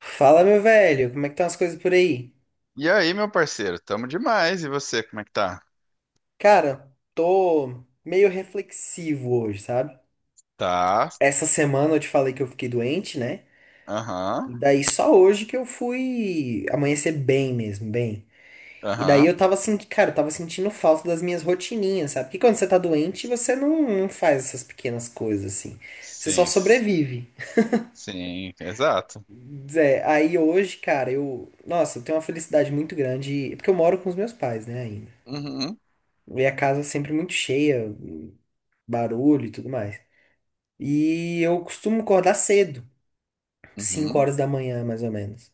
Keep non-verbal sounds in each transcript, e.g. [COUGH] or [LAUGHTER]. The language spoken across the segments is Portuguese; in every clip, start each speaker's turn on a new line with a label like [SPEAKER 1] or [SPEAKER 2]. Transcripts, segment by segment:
[SPEAKER 1] Fala, meu velho, como é que estão as coisas por aí?
[SPEAKER 2] E aí, meu parceiro, tamo demais. E você, como é que tá?
[SPEAKER 1] Cara, tô meio reflexivo hoje, sabe?
[SPEAKER 2] Tá.
[SPEAKER 1] Essa semana eu te falei que eu fiquei doente, né?
[SPEAKER 2] Aham.
[SPEAKER 1] E daí só hoje que eu fui amanhecer bem mesmo, bem. E daí
[SPEAKER 2] Aham.
[SPEAKER 1] eu tava sentindo, cara, eu tava sentindo falta das minhas rotininhas, sabe? Porque quando você tá doente, você não faz essas pequenas coisas assim. Você só
[SPEAKER 2] Sim.
[SPEAKER 1] sobrevive.
[SPEAKER 2] Sim, exato.
[SPEAKER 1] É aí hoje, cara, eu, nossa, eu tenho uma felicidade muito grande, porque eu moro com os meus pais, né, ainda.
[SPEAKER 2] Uhum.
[SPEAKER 1] E a casa é sempre muito cheia. Barulho e tudo mais. E eu costumo acordar cedo, 5
[SPEAKER 2] Uhum.
[SPEAKER 1] horas da manhã, mais ou menos.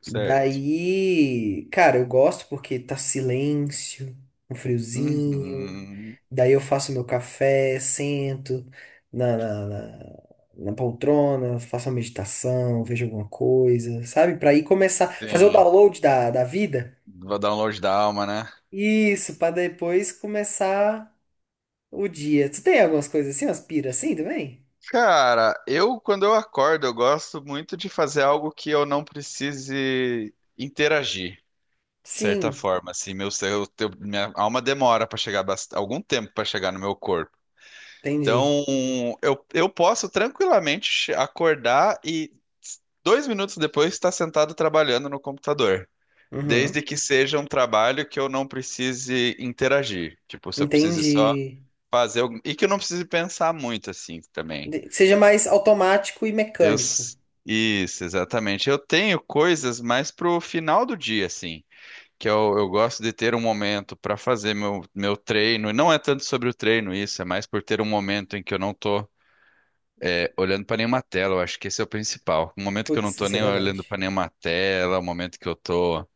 [SPEAKER 2] Certo.
[SPEAKER 1] Daí, cara, eu gosto porque tá silêncio, um friozinho.
[SPEAKER 2] Uhum.
[SPEAKER 1] Daí eu faço meu café, sento na, na, na, na poltrona, faço uma meditação, vejo alguma coisa, sabe? Pra ir começar, fazer o
[SPEAKER 2] Sim.
[SPEAKER 1] download da vida.
[SPEAKER 2] Vou dar um download da alma, né?
[SPEAKER 1] Isso, pra depois começar o dia. Tu tem algumas coisas assim, umas piras assim também?
[SPEAKER 2] Cara, eu quando eu acordo, eu gosto muito de fazer algo que eu não precise interagir, de certa
[SPEAKER 1] Sim,
[SPEAKER 2] forma, assim, minha alma demora para chegar algum tempo para chegar no meu corpo.
[SPEAKER 1] entendi.
[SPEAKER 2] Então, eu posso tranquilamente acordar e 2 minutos depois estar sentado trabalhando no computador.
[SPEAKER 1] Uhum.
[SPEAKER 2] Desde que seja um trabalho que eu não precise interagir. Tipo, se eu precise só
[SPEAKER 1] Entendi.
[SPEAKER 2] fazer. E que eu não precise pensar muito assim também.
[SPEAKER 1] Que seja mais automático e
[SPEAKER 2] Eu...
[SPEAKER 1] mecânico.
[SPEAKER 2] s- Isso, exatamente. Eu tenho coisas mais pro final do dia, assim. Que eu gosto de ter um momento para fazer meu treino. E não é tanto sobre o treino isso, é mais por ter um momento em que eu não tô olhando para nenhuma tela, eu acho que esse é o principal. O momento que eu não
[SPEAKER 1] Putz,
[SPEAKER 2] tô
[SPEAKER 1] isso é
[SPEAKER 2] nem olhando
[SPEAKER 1] verdade.
[SPEAKER 2] para nenhuma tela, o momento que eu tô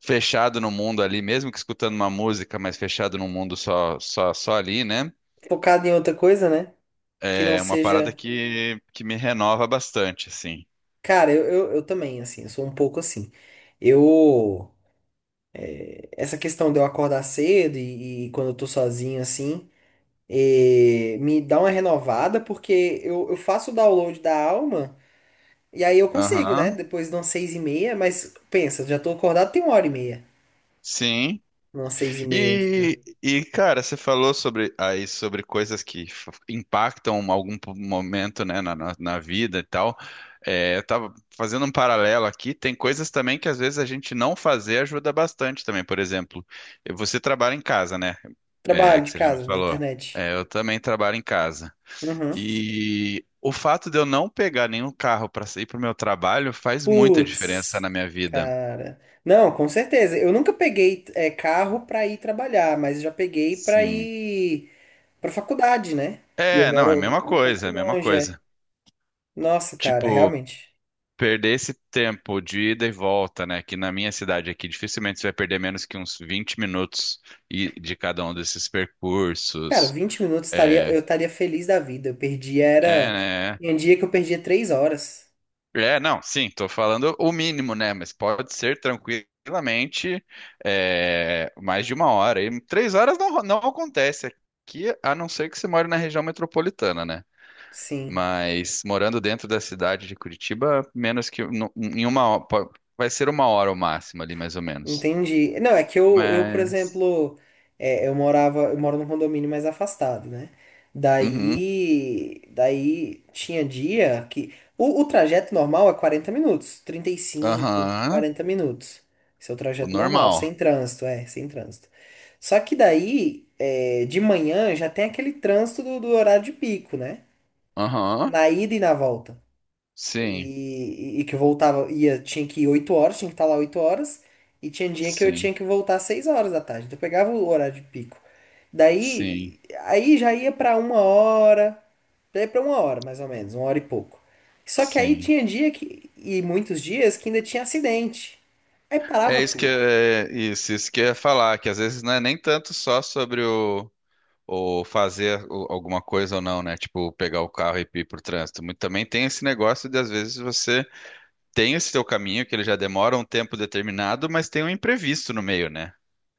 [SPEAKER 2] fechado no mundo ali, mesmo que escutando uma música, mas fechado no mundo só ali, né?
[SPEAKER 1] Focado em outra coisa, né? Que não
[SPEAKER 2] É uma parada
[SPEAKER 1] seja.
[SPEAKER 2] que me renova bastante, assim.
[SPEAKER 1] Cara, eu também, assim, eu sou um pouco assim. Eu. Essa questão de eu acordar cedo e quando eu tô sozinho, assim, me dá uma renovada, porque eu faço o download da alma e aí eu consigo, né?
[SPEAKER 2] Aham.
[SPEAKER 1] Depois de umas seis e meia, mas pensa, já tô acordado tem uma hora e meia.
[SPEAKER 2] Sim.
[SPEAKER 1] Umas seis e meia, entendeu?
[SPEAKER 2] E, cara, você falou sobre coisas que impactam algum momento, né, na vida e tal. É, eu tava fazendo um paralelo aqui. Tem coisas também que às vezes a gente não fazer ajuda bastante também. Por exemplo, você trabalha em casa, né? É,
[SPEAKER 1] Trabalho
[SPEAKER 2] que
[SPEAKER 1] de
[SPEAKER 2] você já me
[SPEAKER 1] casa, na
[SPEAKER 2] falou.
[SPEAKER 1] internet.
[SPEAKER 2] É, eu também trabalho em casa.
[SPEAKER 1] Uhum.
[SPEAKER 2] E o fato de eu não pegar nenhum carro para sair para o meu trabalho faz muita diferença
[SPEAKER 1] Putz,
[SPEAKER 2] na minha vida.
[SPEAKER 1] cara. Não, com certeza. Eu nunca peguei é, carro pra ir trabalhar, mas já peguei pra
[SPEAKER 2] Sim.
[SPEAKER 1] ir pra faculdade, né? E eu
[SPEAKER 2] É, não, é a
[SPEAKER 1] moro
[SPEAKER 2] mesma
[SPEAKER 1] um
[SPEAKER 2] coisa,
[SPEAKER 1] pouco
[SPEAKER 2] é a mesma
[SPEAKER 1] longe, é.
[SPEAKER 2] coisa.
[SPEAKER 1] Nossa, cara,
[SPEAKER 2] Tipo,
[SPEAKER 1] realmente.
[SPEAKER 2] perder esse tempo de ida e volta, né? Que na minha cidade aqui, dificilmente você vai perder menos que uns 20 minutos de cada um desses
[SPEAKER 1] Cara,
[SPEAKER 2] percursos.
[SPEAKER 1] vinte minutos estaria,
[SPEAKER 2] É,
[SPEAKER 1] eu estaria feliz da vida. Eu perdi
[SPEAKER 2] é,
[SPEAKER 1] era.
[SPEAKER 2] né?
[SPEAKER 1] Tem dia que eu perdia 3 horas.
[SPEAKER 2] É, não, sim, tô falando o mínimo, né? Mas pode ser tranquilamente é, mais de uma hora. E 3 horas não, não acontece aqui, a não ser que você mora na região metropolitana, né?
[SPEAKER 1] Sim.
[SPEAKER 2] Mas morando dentro da cidade de Curitiba, menos que em uma hora, vai ser uma hora o máximo ali, mais ou menos.
[SPEAKER 1] Entendi. Não, é que eu por
[SPEAKER 2] Mas.
[SPEAKER 1] exemplo, é, eu moro num condomínio mais afastado, né?
[SPEAKER 2] Uhum.
[SPEAKER 1] Daí tinha dia que o trajeto normal é 40 minutos, trinta e cinco
[SPEAKER 2] Aham.
[SPEAKER 1] 40 minutos. Esse é o
[SPEAKER 2] O
[SPEAKER 1] trajeto normal, sem
[SPEAKER 2] normal.
[SPEAKER 1] trânsito, é, sem trânsito. Só que daí, é, de manhã já tem aquele trânsito do horário de pico, né?
[SPEAKER 2] Aham.
[SPEAKER 1] Na ida e na volta.
[SPEAKER 2] Sim.
[SPEAKER 1] E que eu voltava, ia, tinha que ir 8 horas, tinha que estar lá 8 horas, e tinha dia que eu
[SPEAKER 2] Sim.
[SPEAKER 1] tinha que voltar às 6 horas da tarde. Então eu pegava o horário de pico.
[SPEAKER 2] Sim.
[SPEAKER 1] Daí, aí já ia pra uma hora, daí pra uma hora mais ou menos, uma hora e pouco. Só que aí
[SPEAKER 2] Sim.
[SPEAKER 1] tinha dia que, e muitos dias que ainda tinha acidente. Aí parava
[SPEAKER 2] É isso que
[SPEAKER 1] tudo.
[SPEAKER 2] é isso, isso que eu ia falar, que às vezes não é nem tanto só sobre o fazer alguma coisa ou não, né? Tipo, pegar o carro e ir pro trânsito. Muito também tem esse negócio de às vezes você tem esse teu caminho que ele já demora um tempo determinado, mas tem um imprevisto no meio, né?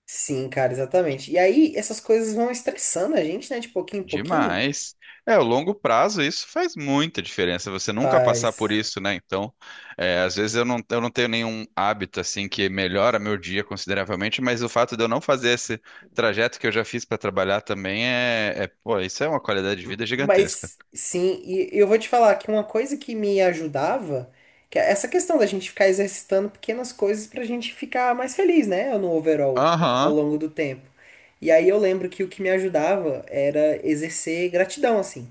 [SPEAKER 1] Sim, cara, exatamente. E aí essas coisas vão estressando a gente, né, de pouquinho em pouquinho.
[SPEAKER 2] Demais. É, o longo prazo, isso faz muita diferença. Você nunca passar por
[SPEAKER 1] Faz.
[SPEAKER 2] isso, né? Então, é, às vezes eu não tenho nenhum hábito assim que melhora meu dia consideravelmente, mas o fato de eu não fazer esse trajeto que eu já fiz para trabalhar também pô, isso é uma qualidade de vida gigantesca.
[SPEAKER 1] Mas sim, e eu vou te falar que uma coisa que me ajudava, que é essa questão da gente ficar exercitando pequenas coisas pra gente ficar mais feliz, né, no overall, ao
[SPEAKER 2] Aham.
[SPEAKER 1] longo do tempo. E aí eu lembro que o que me ajudava era exercer gratidão, assim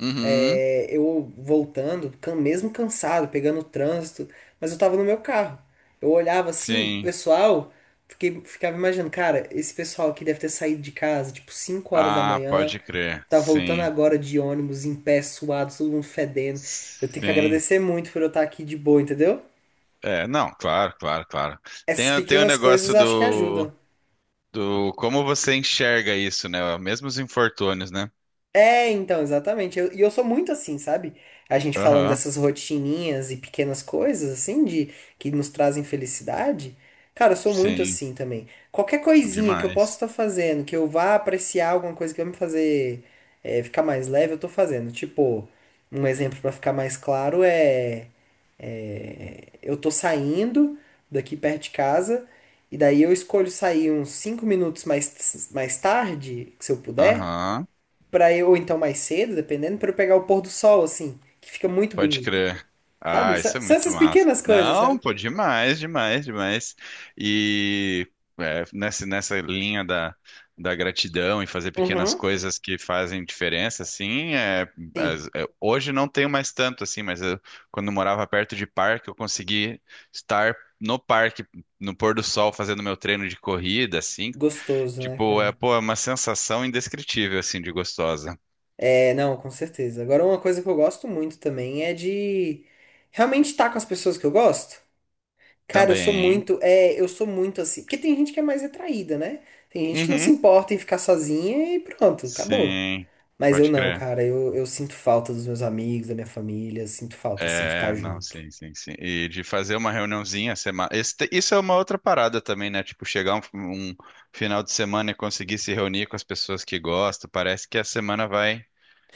[SPEAKER 2] Uhum.
[SPEAKER 1] eu voltando, mesmo cansado, pegando o trânsito, mas eu tava no meu carro. Eu olhava assim, o
[SPEAKER 2] Sim.
[SPEAKER 1] pessoal, ficava imaginando, cara, esse pessoal aqui deve ter saído de casa, tipo, cinco horas da
[SPEAKER 2] Ah,
[SPEAKER 1] manhã,
[SPEAKER 2] pode crer.
[SPEAKER 1] tá voltando
[SPEAKER 2] Sim.
[SPEAKER 1] agora de ônibus, em pé, suado, todo mundo fedendo. Eu tenho que
[SPEAKER 2] Sim.
[SPEAKER 1] agradecer muito por eu estar aqui de boa, entendeu?
[SPEAKER 2] É, não, claro, claro, claro.
[SPEAKER 1] Essas
[SPEAKER 2] Tem o
[SPEAKER 1] pequenas coisas
[SPEAKER 2] negócio
[SPEAKER 1] acho que
[SPEAKER 2] do
[SPEAKER 1] ajudam.
[SPEAKER 2] Do como você enxerga isso, né? Mesmo os infortúnios, né?
[SPEAKER 1] É, então, exatamente. E eu, sou muito assim, sabe? A gente falando
[SPEAKER 2] Aham,
[SPEAKER 1] dessas rotininhas e pequenas coisas, assim, de que nos trazem felicidade. Cara, eu sou muito
[SPEAKER 2] sim,
[SPEAKER 1] assim também. Qualquer coisinha que eu possa
[SPEAKER 2] demais.
[SPEAKER 1] estar fazendo, que eu vá apreciar alguma coisa que vai me fazer é, ficar mais leve, eu tô fazendo. Tipo, um exemplo pra ficar mais claro é, é, eu tô saindo daqui perto de casa e daí eu escolho sair uns 5 minutos mais tarde, se eu puder
[SPEAKER 2] Aham,
[SPEAKER 1] para eu, ou então mais cedo, dependendo, para eu pegar o pôr do sol, assim, que fica muito
[SPEAKER 2] pode
[SPEAKER 1] bonito.
[SPEAKER 2] crer.
[SPEAKER 1] Sabe?
[SPEAKER 2] Ah, isso é
[SPEAKER 1] São
[SPEAKER 2] muito
[SPEAKER 1] essas
[SPEAKER 2] massa.
[SPEAKER 1] pequenas coisas,
[SPEAKER 2] Não,
[SPEAKER 1] sabe?
[SPEAKER 2] pô, demais, demais, demais. E é, nessa linha da gratidão e fazer pequenas
[SPEAKER 1] Uhum.
[SPEAKER 2] coisas que fazem diferença, assim, é,
[SPEAKER 1] Sim.
[SPEAKER 2] é, hoje não tenho mais tanto, assim, mas eu, quando eu morava perto de parque, eu consegui estar no parque, no pôr do sol, fazendo meu treino de corrida, assim,
[SPEAKER 1] Gostoso, né,
[SPEAKER 2] tipo, é,
[SPEAKER 1] cara?
[SPEAKER 2] pô, é uma sensação indescritível, assim, de gostosa.
[SPEAKER 1] É, não, com certeza. Agora, uma coisa que eu gosto muito também é de realmente estar com as pessoas que eu gosto. Cara, eu sou
[SPEAKER 2] Também.
[SPEAKER 1] muito, é, eu sou muito assim, porque tem gente que é mais retraída, né? Tem gente que não se
[SPEAKER 2] Uhum.
[SPEAKER 1] importa em ficar sozinha e pronto, acabou.
[SPEAKER 2] Sim,
[SPEAKER 1] Mas eu
[SPEAKER 2] pode
[SPEAKER 1] não,
[SPEAKER 2] crer.
[SPEAKER 1] cara, eu sinto falta dos meus amigos, da minha família, sinto falta, assim, de estar
[SPEAKER 2] É, não,
[SPEAKER 1] junto.
[SPEAKER 2] sim, sim, sim. E de fazer uma reuniãozinha semana. Isso é uma outra parada também, né? Tipo, chegar um final de semana e conseguir se reunir com as pessoas que gostam. Parece que a semana vai,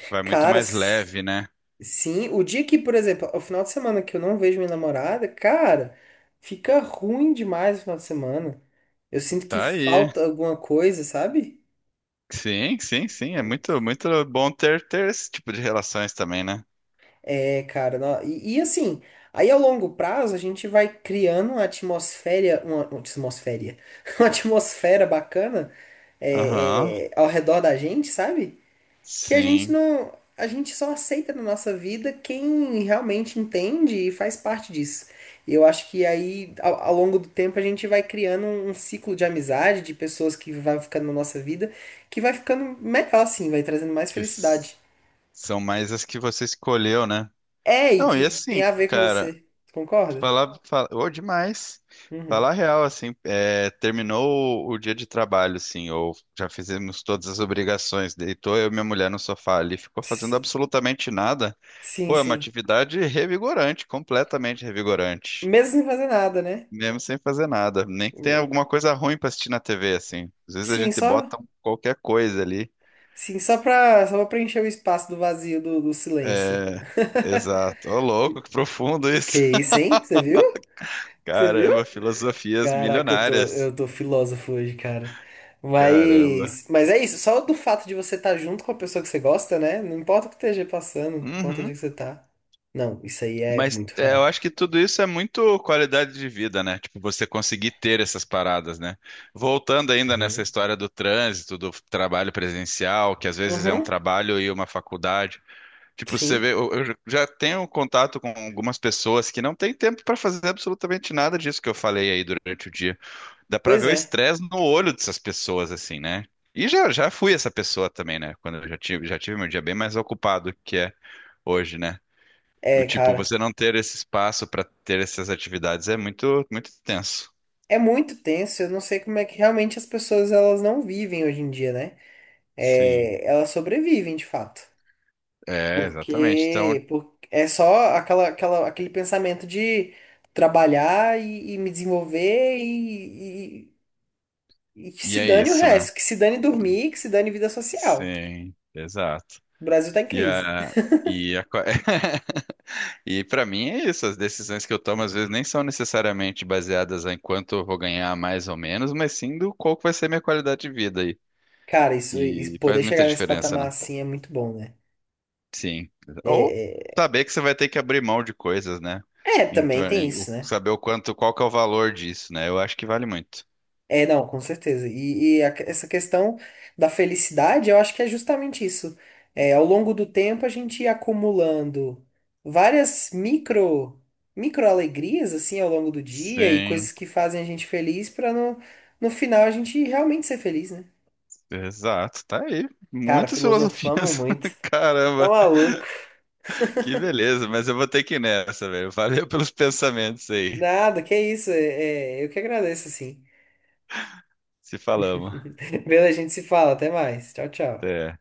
[SPEAKER 2] vai muito
[SPEAKER 1] Cara,
[SPEAKER 2] mais leve, né?
[SPEAKER 1] sim, o dia que, por exemplo, o final de semana que eu não vejo minha namorada, cara, fica ruim demais o final de semana. Eu sinto que
[SPEAKER 2] Tá aí.
[SPEAKER 1] falta alguma coisa, sabe?
[SPEAKER 2] Sim, sim, sim. É muito, muito bom ter esse tipo de relações também, né?
[SPEAKER 1] É, cara, e assim, aí ao longo prazo a gente vai criando uma atmosfera, uma atmosfera, [LAUGHS] uma atmosfera bacana
[SPEAKER 2] Aham.
[SPEAKER 1] ao redor da gente, sabe? Que a gente
[SPEAKER 2] Sim.
[SPEAKER 1] não, a gente só aceita na nossa vida quem realmente entende e faz parte disso. E eu acho que aí, ao longo do tempo, a gente vai criando um ciclo de amizade, de pessoas que vai ficando na nossa vida, que vai ficando melhor, assim, vai trazendo mais
[SPEAKER 2] Que
[SPEAKER 1] felicidade.
[SPEAKER 2] São mais as que você escolheu, né?
[SPEAKER 1] É, e
[SPEAKER 2] Não, e
[SPEAKER 1] que tem
[SPEAKER 2] assim,
[SPEAKER 1] a ver com
[SPEAKER 2] cara,
[SPEAKER 1] você. Concorda?
[SPEAKER 2] falar, ô, demais.
[SPEAKER 1] Uhum.
[SPEAKER 2] Falar real, assim, é, terminou o dia de trabalho, assim, ou já fizemos todas as obrigações, deitou eu e minha mulher no sofá ali, ficou fazendo
[SPEAKER 1] Ps-
[SPEAKER 2] absolutamente nada.
[SPEAKER 1] Sim,
[SPEAKER 2] Pô, é uma
[SPEAKER 1] sim.
[SPEAKER 2] atividade revigorante, completamente revigorante.
[SPEAKER 1] Mesmo sem fazer nada, né?
[SPEAKER 2] Mesmo sem fazer nada. Nem que tenha alguma coisa ruim pra assistir na TV, assim. Às vezes a
[SPEAKER 1] Sim,
[SPEAKER 2] gente
[SPEAKER 1] só,
[SPEAKER 2] bota qualquer coisa ali.
[SPEAKER 1] sim, só pra preencher o espaço do vazio, do silêncio.
[SPEAKER 2] É, exato. Ô, louco, que profundo
[SPEAKER 1] Que
[SPEAKER 2] isso.
[SPEAKER 1] isso, hein? Você viu? Você viu?
[SPEAKER 2] Caramba, filosofias
[SPEAKER 1] Caraca,
[SPEAKER 2] milionárias.
[SPEAKER 1] eu tô filósofo hoje, cara.
[SPEAKER 2] Caramba.
[SPEAKER 1] Mas é isso, só do fato de você estar junto com a pessoa que você gosta, né? Não importa o que esteja passando, não importa onde
[SPEAKER 2] Uhum.
[SPEAKER 1] que você tá. Não, isso aí é
[SPEAKER 2] Mas
[SPEAKER 1] muito
[SPEAKER 2] é, eu
[SPEAKER 1] real.
[SPEAKER 2] acho que tudo isso é muito qualidade de vida, né? Tipo, você conseguir ter essas paradas, né? Voltando ainda nessa
[SPEAKER 1] Uhum.
[SPEAKER 2] história do trânsito, do trabalho presencial, que às vezes é um
[SPEAKER 1] Uhum,
[SPEAKER 2] trabalho e uma faculdade. Tipo, você
[SPEAKER 1] sim.
[SPEAKER 2] vê, eu já tenho contato com algumas pessoas que não têm tempo para fazer absolutamente nada disso que eu falei aí durante o dia. Dá pra
[SPEAKER 1] Pois
[SPEAKER 2] ver o
[SPEAKER 1] é.
[SPEAKER 2] estresse no olho dessas pessoas, assim, né? E já fui essa pessoa também, né? Quando eu já tive meu dia bem mais ocupado que é hoje, né? O
[SPEAKER 1] É,
[SPEAKER 2] Tipo,
[SPEAKER 1] cara.
[SPEAKER 2] você não ter esse espaço pra ter essas atividades é muito, muito tenso.
[SPEAKER 1] É muito tenso, eu não sei como é que realmente as pessoas elas não vivem hoje em dia, né?
[SPEAKER 2] Sim,
[SPEAKER 1] É, elas sobrevivem de fato.
[SPEAKER 2] é, exatamente. Então,
[SPEAKER 1] Porque, por é só aquela, aquela, aquele pensamento de trabalhar e me desenvolver e e que
[SPEAKER 2] e
[SPEAKER 1] se
[SPEAKER 2] é
[SPEAKER 1] dane o
[SPEAKER 2] isso, né?
[SPEAKER 1] resto, que se dane dormir, que se dane vida social.
[SPEAKER 2] Sim, exato.
[SPEAKER 1] O Brasil tá em
[SPEAKER 2] E
[SPEAKER 1] crise.
[SPEAKER 2] a, e a, co- [LAUGHS] e para mim é isso. As decisões que eu tomo às vezes nem são necessariamente baseadas em quanto eu vou ganhar mais ou menos, mas sim do qual que vai ser minha qualidade de vida.
[SPEAKER 1] Cara, isso,
[SPEAKER 2] E
[SPEAKER 1] isso-
[SPEAKER 2] faz
[SPEAKER 1] poder
[SPEAKER 2] muita
[SPEAKER 1] chegar nesse
[SPEAKER 2] diferença,
[SPEAKER 1] patamar
[SPEAKER 2] né?
[SPEAKER 1] assim é muito bom, né?
[SPEAKER 2] Sim. Ou
[SPEAKER 1] É,
[SPEAKER 2] saber que você vai ter que abrir mão de coisas, né?
[SPEAKER 1] é,
[SPEAKER 2] Então,
[SPEAKER 1] também tem isso, né?
[SPEAKER 2] saber o quanto, qual que é o valor disso, né? Eu acho que vale muito.
[SPEAKER 1] É, não, com certeza. E a essa questão da felicidade, eu acho que é justamente isso. É, ao longo do tempo, a gente ia acumulando várias micro, micro alegrias, assim, ao longo do dia e coisas
[SPEAKER 2] Sim,
[SPEAKER 1] que fazem a gente feliz para no final a gente realmente ser feliz, né?
[SPEAKER 2] exato. Tá aí.
[SPEAKER 1] Cara,
[SPEAKER 2] Muitas
[SPEAKER 1] filosofamos
[SPEAKER 2] filosofias.
[SPEAKER 1] muito.
[SPEAKER 2] [LAUGHS]
[SPEAKER 1] Tá
[SPEAKER 2] Caramba,
[SPEAKER 1] maluco?
[SPEAKER 2] que beleza. Mas eu vou ter que ir nessa, velho. Valeu pelos pensamentos aí.
[SPEAKER 1] Nada, que isso. É, é, eu que agradeço, assim.
[SPEAKER 2] Se falamos.
[SPEAKER 1] [LAUGHS] Beleza, a gente se fala. Até mais. Tchau, tchau.
[SPEAKER 2] Até.